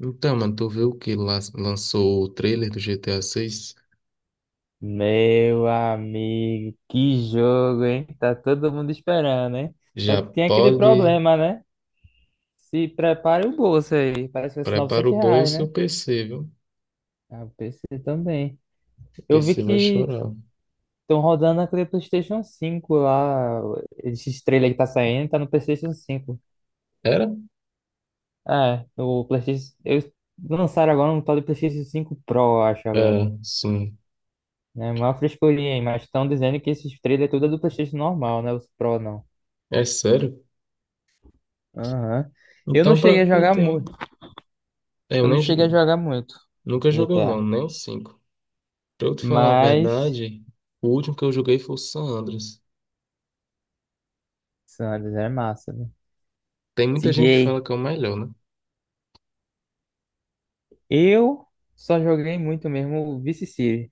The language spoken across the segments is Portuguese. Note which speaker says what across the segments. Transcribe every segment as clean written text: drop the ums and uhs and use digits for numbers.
Speaker 1: Então, mano, tu viu que lançou o trailer do GTA 6?
Speaker 2: Meu amigo, que jogo, hein? Tá todo mundo esperando, hein? Só
Speaker 1: Já
Speaker 2: que tem aquele
Speaker 1: pode.
Speaker 2: problema, né? Se prepare o bolso aí. Parece que vai ser
Speaker 1: Prepara
Speaker 2: 900
Speaker 1: o
Speaker 2: reais,
Speaker 1: bolso e o
Speaker 2: né?
Speaker 1: PC, viu? O
Speaker 2: Ah, o PC também. Eu vi
Speaker 1: PC vai
Speaker 2: que
Speaker 1: chorar.
Speaker 2: estão rodando aquele PlayStation 5 lá. Esse trailer que tá saindo tá no PlayStation 5.
Speaker 1: Era?
Speaker 2: É, o PlayStation. Eles lançaram agora um tal de PlayStation 5 Pro, eu acho agora.
Speaker 1: É, sim.
Speaker 2: É uma frescurinha, hein? Mas estão dizendo que esses trailers tudo é do PlayStation normal, né? Os Pro não.
Speaker 1: É sério?
Speaker 2: Aham. Eu não
Speaker 1: Então,
Speaker 2: cheguei
Speaker 1: pra
Speaker 2: a
Speaker 1: quem
Speaker 2: jogar
Speaker 1: tem.
Speaker 2: muito.
Speaker 1: É, eu
Speaker 2: Eu não
Speaker 1: nem
Speaker 2: cheguei a jogar muito
Speaker 1: nunca joguei,
Speaker 2: GTA.
Speaker 1: não, nem o 5. Pra eu te falar a
Speaker 2: Mas
Speaker 1: verdade, o último que eu joguei foi o San Andreas.
Speaker 2: San Andreas é massa, né?
Speaker 1: Tem muita gente que fala
Speaker 2: CJ.
Speaker 1: que é o melhor, né?
Speaker 2: Eu só joguei muito mesmo o Vice City.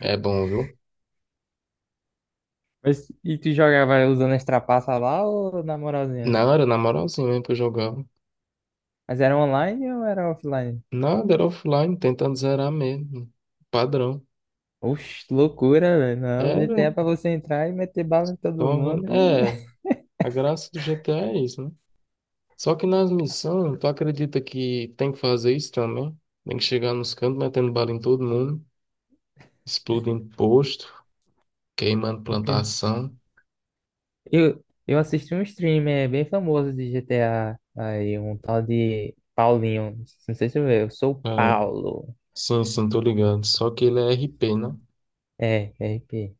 Speaker 1: É bom, viu?
Speaker 2: Mas e tu jogava usando as trapaças lá ou na
Speaker 1: Na
Speaker 2: moralzinha?
Speaker 1: hora, na moralzinha mesmo que eu jogava.
Speaker 2: Mas era online ou era offline?
Speaker 1: Nada, era offline, tentando zerar mesmo. Padrão.
Speaker 2: Oxe, loucura, velho. Não, GTA
Speaker 1: Era.
Speaker 2: é pra você entrar e meter bala em todo mundo e...
Speaker 1: É, a graça do GTA é isso, né? Só que nas missões, tu acredita que tem que fazer isso também? Tem que chegar nos cantos metendo bala em todo mundo, explodindo posto, queimando plantação.
Speaker 2: Eu assisti um streamer bem famoso de GTA aí, um tal de Paulinho. Não sei se eu sou o
Speaker 1: É,
Speaker 2: Paulo.
Speaker 1: sim, sim, tô ligado. Só que ele é RP, né?
Speaker 2: É, RP.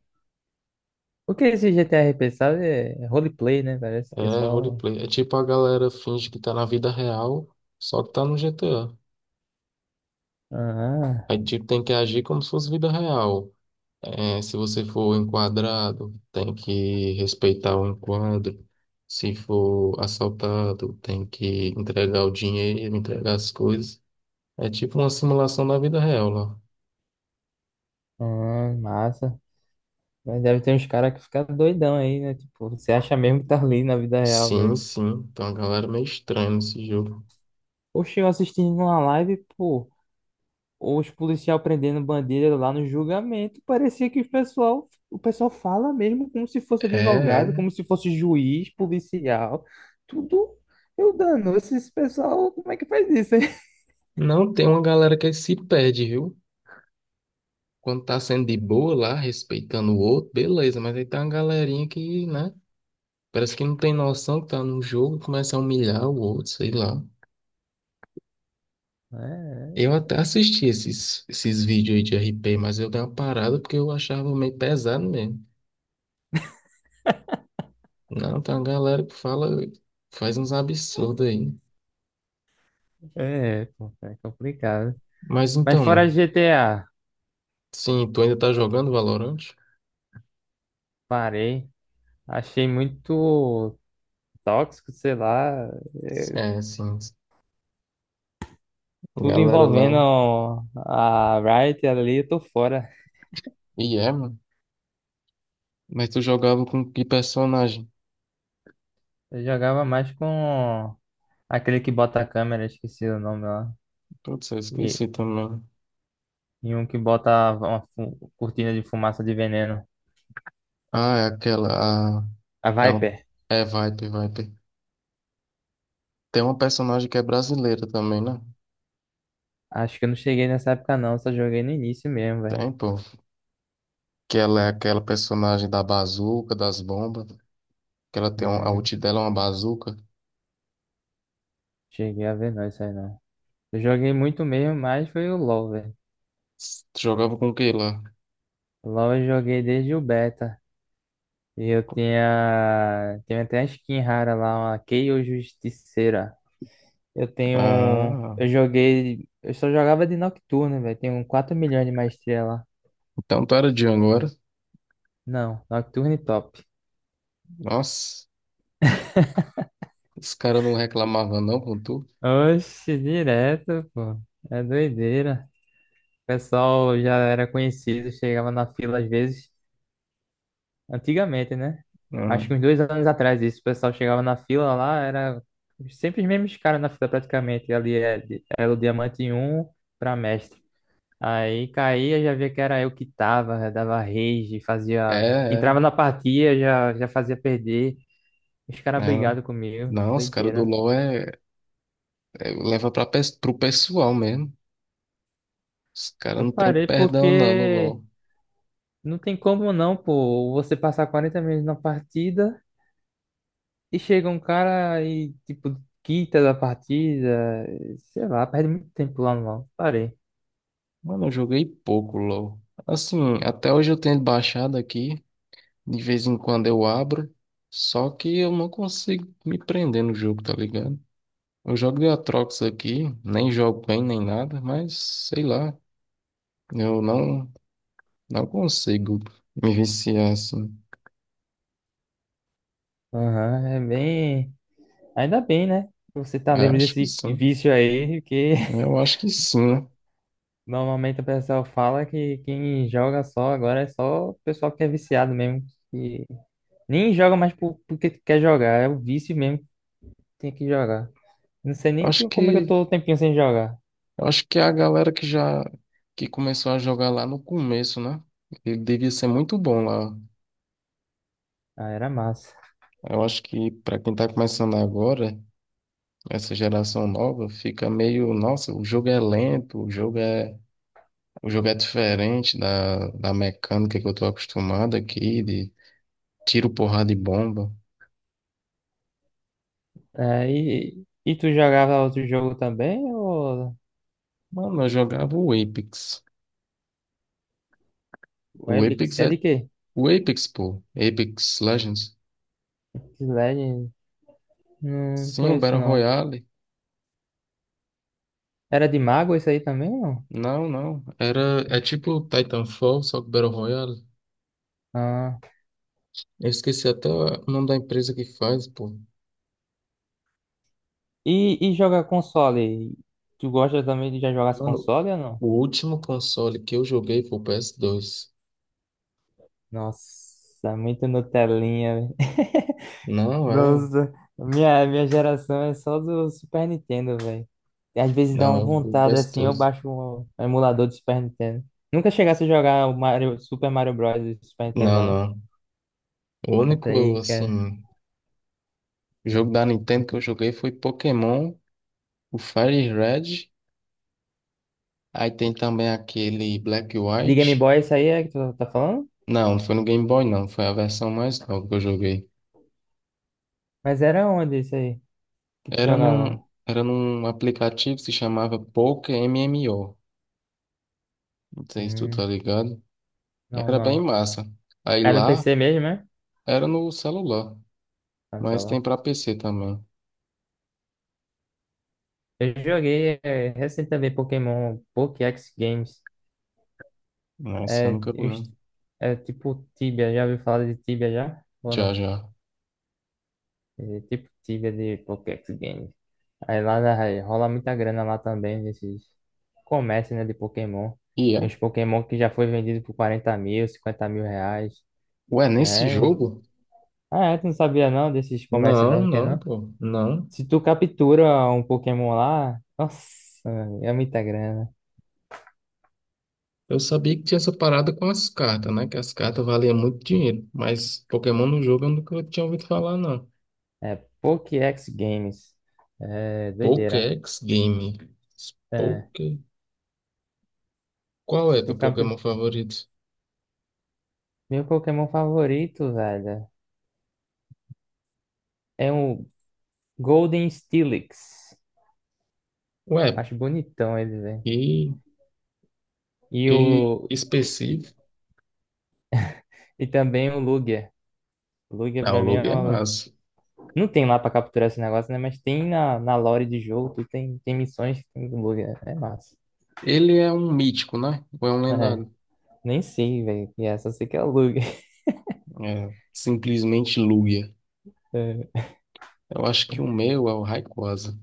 Speaker 2: O que é esse GTA RP, sabe? É roleplay, né? Parece que é
Speaker 1: É
Speaker 2: só.
Speaker 1: roleplay. É tipo a galera finge que tá na vida real, só que tá no GTA.
Speaker 2: Ah,
Speaker 1: Aí tipo tem que agir como se fosse vida real. É, se você for enquadrado, tem que respeitar o enquadro. Se for assaltado, tem que entregar o dinheiro, entregar as coisas. É tipo uma simulação da vida real lá.
Speaker 2: ah, massa. Mas deve ter uns caras que ficam doidão aí, né? Tipo, você acha mesmo que tá ali na vida real
Speaker 1: Sim,
Speaker 2: mesmo.
Speaker 1: sim. Tem uma galera meio estranha nesse jogo.
Speaker 2: Oxe, eu assistindo uma live, pô. Os policial prendendo bandeira lá no julgamento, parecia que o pessoal fala mesmo como se fosse
Speaker 1: É,
Speaker 2: advogado,
Speaker 1: é.
Speaker 2: como se fosse juiz, policial, tudo. Eu dando, esse pessoal, como é que faz isso, hein?
Speaker 1: Não tem uma galera que se perde, viu? Quando tá sendo de boa lá, respeitando o outro, beleza. Mas aí tá uma galerinha que, né? Parece que não tem noção que tá num jogo, começa a humilhar o outro, sei lá.
Speaker 2: É,
Speaker 1: Eu até assisti esses vídeos aí de RP, mas eu dei uma parada porque eu achava meio pesado mesmo. Não, tem uma galera que fala, faz uns absurdos aí.
Speaker 2: é, pô, é complicado.
Speaker 1: Mas
Speaker 2: Mas
Speaker 1: então,
Speaker 2: fora
Speaker 1: mano,
Speaker 2: GTA,
Speaker 1: sim, tu ainda tá jogando Valorant?
Speaker 2: parei. Achei muito tóxico, sei lá, é,
Speaker 1: É, sim, a
Speaker 2: tudo
Speaker 1: galera
Speaker 2: envolvendo
Speaker 1: lá.
Speaker 2: a Riot ali, eu tô fora.
Speaker 1: E é, mano. Mas tu jogava com que personagem?
Speaker 2: Eu jogava mais com aquele que bota a câmera, esqueci o nome lá.
Speaker 1: Putz, eu
Speaker 2: E,
Speaker 1: esqueci também.
Speaker 2: e um que bota uma cortina de fumaça de veneno.
Speaker 1: Ah, é aquela.
Speaker 2: A
Speaker 1: É, o-
Speaker 2: Viper.
Speaker 1: É Viper, Viper. Tem uma personagem que é brasileira também, né?
Speaker 2: Acho que eu não cheguei nessa época não, só joguei no início mesmo, velho.
Speaker 1: Tem, pô. Que ela é aquela personagem da bazuca, das bombas. Que ela tem a
Speaker 2: Hum,
Speaker 1: ult dela é uma bazuca.
Speaker 2: cheguei a ver não isso aí não. Eu joguei muito mesmo, mas foi o LoL, velho.
Speaker 1: Tu jogava com o que lá?
Speaker 2: O LoL eu joguei desde o beta. E eu tinha até a skin rara lá, uma Kayle Justiceira. Eu tenho, um,
Speaker 1: Ah,
Speaker 2: eu joguei, eu só jogava de Nocturne, velho. Tenho 4 milhões de maestria lá.
Speaker 1: então tu era de agora.
Speaker 2: Não, Nocturne top.
Speaker 1: Nossa, os caras não reclamavam não com tu?
Speaker 2: Oxe, direto, pô. É doideira. O pessoal já era conhecido, chegava na fila às vezes. Antigamente, né?
Speaker 1: Ah,
Speaker 2: Acho que uns 2 anos atrás isso. O pessoal chegava na fila lá, era sempre os mesmos caras na fila praticamente. Era o Diamante 1 pra mestre. Aí caía, já via que era eu que tava, já dava rage,
Speaker 1: é,
Speaker 2: fazia. Entrava
Speaker 1: é.
Speaker 2: na partida, já fazia perder. Os caras
Speaker 1: Não,
Speaker 2: brigados comigo.
Speaker 1: não, os caras do
Speaker 2: Doideira.
Speaker 1: LoL leva pro pessoal mesmo. Os caras
Speaker 2: Eu
Speaker 1: não tem
Speaker 2: parei
Speaker 1: perdão não no
Speaker 2: porque.
Speaker 1: LoL.
Speaker 2: Não tem como não, pô. Você passar 40 minutos na partida e chega um cara e, tipo, quita da partida. Sei lá, perde muito tempo lá no LoL. Parei.
Speaker 1: Mano, eu joguei pouco LoL. Assim, até hoje eu tenho baixado aqui. De vez em quando eu abro. Só que eu não consigo me prender no jogo, tá ligado? Eu jogo de Aatrox aqui, nem jogo bem nem nada, mas sei lá, eu não consigo me viciar assim.
Speaker 2: Aham, é bem. Ainda bem, né? Você tá
Speaker 1: É,
Speaker 2: livre
Speaker 1: acho que
Speaker 2: desse
Speaker 1: sim.
Speaker 2: vício aí, que
Speaker 1: Eu acho que sim, né?
Speaker 2: normalmente o pessoal fala que quem joga só agora é só o pessoal que é viciado mesmo. Que nem joga mais porque quer jogar, é o vício mesmo que tem que jogar. Não sei nem
Speaker 1: Acho
Speaker 2: que, como é que eu
Speaker 1: que
Speaker 2: tô o tempinho sem jogar.
Speaker 1: acho que a galera que já que começou a jogar lá no começo, né? Ele devia ser muito bom lá.
Speaker 2: Ah, era massa.
Speaker 1: Eu acho que pra quem tá começando agora, essa geração nova, fica meio, nossa, o jogo é lento, o jogo é diferente da mecânica que eu tô acostumado aqui, de tiro, porrada e bomba.
Speaker 2: É, e tu jogava outro jogo também? Ou
Speaker 1: Mano, eu jogava o Apex. O
Speaker 2: Web,
Speaker 1: Apex
Speaker 2: é
Speaker 1: é.
Speaker 2: de quê?
Speaker 1: O Apex, pô. Apex Legends.
Speaker 2: Slade? Não
Speaker 1: Sim, o
Speaker 2: conheço
Speaker 1: Battle
Speaker 2: não.
Speaker 1: Royale.
Speaker 2: Era de mago isso aí também, não?
Speaker 1: Não, não. Era. É tipo Titanfall, só que Battle Royale.
Speaker 2: Ah.
Speaker 1: Eu esqueci até o nome da empresa que faz, pô.
Speaker 2: E jogar console? Tu gosta também de já jogar as
Speaker 1: Mano,
Speaker 2: console ou não?
Speaker 1: o último console que eu joguei foi o PS2.
Speaker 2: Nossa, muito Nutelinha, velho.
Speaker 1: Não é.
Speaker 2: Nossa, minha geração é só do Super Nintendo, velho. E às vezes dá
Speaker 1: Não,
Speaker 2: uma
Speaker 1: é o
Speaker 2: vontade assim, eu
Speaker 1: PS2.
Speaker 2: baixo um emulador de Super Nintendo. Nunca chegasse a jogar o Mario, Super Mario Bros. Do Super Nintendo,
Speaker 1: Não,
Speaker 2: não, né?
Speaker 1: não. O
Speaker 2: Opa
Speaker 1: único,
Speaker 2: aí, cara.
Speaker 1: assim, jogo da Nintendo que eu joguei foi Pokémon, o Fire Red. Aí tem também aquele Black
Speaker 2: De Game
Speaker 1: White.
Speaker 2: Boy, isso aí é que tu tá falando?
Speaker 1: Não, não foi no Game Boy, não. Foi a versão mais nova que eu joguei.
Speaker 2: Mas era onde isso aí que tu
Speaker 1: Era
Speaker 2: jogava?
Speaker 1: num, era num aplicativo que se chamava Poker MMO. Não sei se tu tá
Speaker 2: Hum,
Speaker 1: ligado.
Speaker 2: não,
Speaker 1: Era bem
Speaker 2: não.
Speaker 1: massa. Aí
Speaker 2: Era no
Speaker 1: lá
Speaker 2: PC mesmo, né?
Speaker 1: era no celular,
Speaker 2: Ah, no
Speaker 1: mas tem
Speaker 2: celular.
Speaker 1: pra PC também.
Speaker 2: Eu joguei é, recentemente Pokémon Pokéx Games.
Speaker 1: Mas eu
Speaker 2: É,
Speaker 1: nunca vi, não.
Speaker 2: é tipo Tibia, já ouviu falar de Tibia já? Ou
Speaker 1: Já,
Speaker 2: não?
Speaker 1: já.
Speaker 2: É tipo Tibia de Pokéx Games. Aí lá aí rola muita grana lá também nesses comércios, né, de Pokémon.
Speaker 1: E é?
Speaker 2: Tem uns Pokémon que já foi vendido por 40 mil, 50 mil reais.
Speaker 1: Ué, nesse
Speaker 2: É.
Speaker 1: jogo?
Speaker 2: Ah, é, tu não sabia não desses comércios
Speaker 1: Não,
Speaker 2: não que tem
Speaker 1: não,
Speaker 2: não?
Speaker 1: pô. Não.
Speaker 2: Se tu captura um Pokémon lá, nossa, é muita grana.
Speaker 1: Eu sabia que tinha essa parada com as cartas, né? Que as cartas valiam muito dinheiro. Mas Pokémon no jogo eu nunca tinha ouvido falar, não.
Speaker 2: É Pokédex Games. É doideira.
Speaker 1: Pokédex Game.
Speaker 2: É.
Speaker 1: Poké... Qual
Speaker 2: Se
Speaker 1: é teu
Speaker 2: tu captura.
Speaker 1: Pokémon favorito?
Speaker 2: Meu Pokémon favorito, velho, é um Golden Steelix.
Speaker 1: Ué,
Speaker 2: Acho bonitão ele, velho.
Speaker 1: que,
Speaker 2: E o.
Speaker 1: que específico.
Speaker 2: E também o Lugia. O Lugia
Speaker 1: Ah, o
Speaker 2: pra mim é
Speaker 1: Lugia é
Speaker 2: uma-
Speaker 1: massa.
Speaker 2: Não tem lá pra capturar esse negócio, né? Mas tem na lore de jogo, tu tem missões que tem com o Lugia. É massa.
Speaker 1: Ele é um mítico, né? Ou é um
Speaker 2: É.
Speaker 1: lendário?
Speaker 2: Nem sei, velho. E essa eu sei que é Lug.
Speaker 1: É, simplesmente Lugia.
Speaker 2: É,
Speaker 1: Eu acho que o meu é o Rayquaza.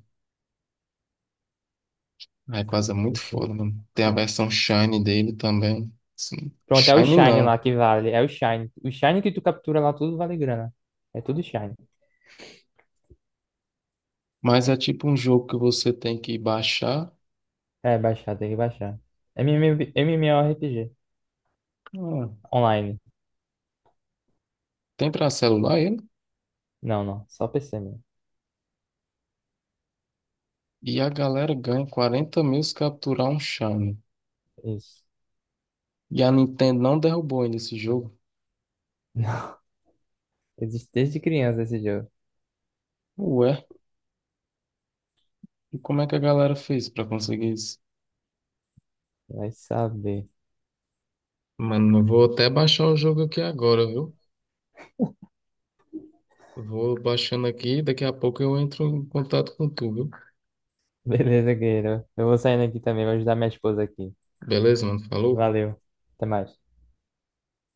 Speaker 1: Rayquaza é muito
Speaker 2: assim.
Speaker 1: foda, mano. Tem a versão Shiny dele também. Sim.
Speaker 2: Pronto, é o
Speaker 1: Shiny
Speaker 2: Shine lá
Speaker 1: não.
Speaker 2: que vale. É o Shine. O Shine que tu captura lá tudo vale grana. É tudo Shine.
Speaker 1: Mas é tipo um jogo que você tem que baixar.
Speaker 2: É, baixar, tem que baixar. MMORPG.
Speaker 1: Ah,
Speaker 2: Online.
Speaker 1: tem pra celular ele?
Speaker 2: Não, não. Só PC mesmo.
Speaker 1: E a galera ganha 40 mil se capturar um Shiny.
Speaker 2: Isso.
Speaker 1: E a Nintendo não derrubou ainda esse jogo.
Speaker 2: Existe desde criança esse jogo.
Speaker 1: Ué, e como é que a galera fez pra conseguir isso?
Speaker 2: Vai saber.
Speaker 1: Mano, eu vou até baixar o jogo aqui agora, viu? Vou baixando aqui, daqui a pouco eu entro em contato com tu, viu?
Speaker 2: Beleza, guerreiro. Eu vou saindo aqui também. Vou ajudar minha esposa aqui.
Speaker 1: Beleza, mano? Falou?
Speaker 2: Valeu. Até mais.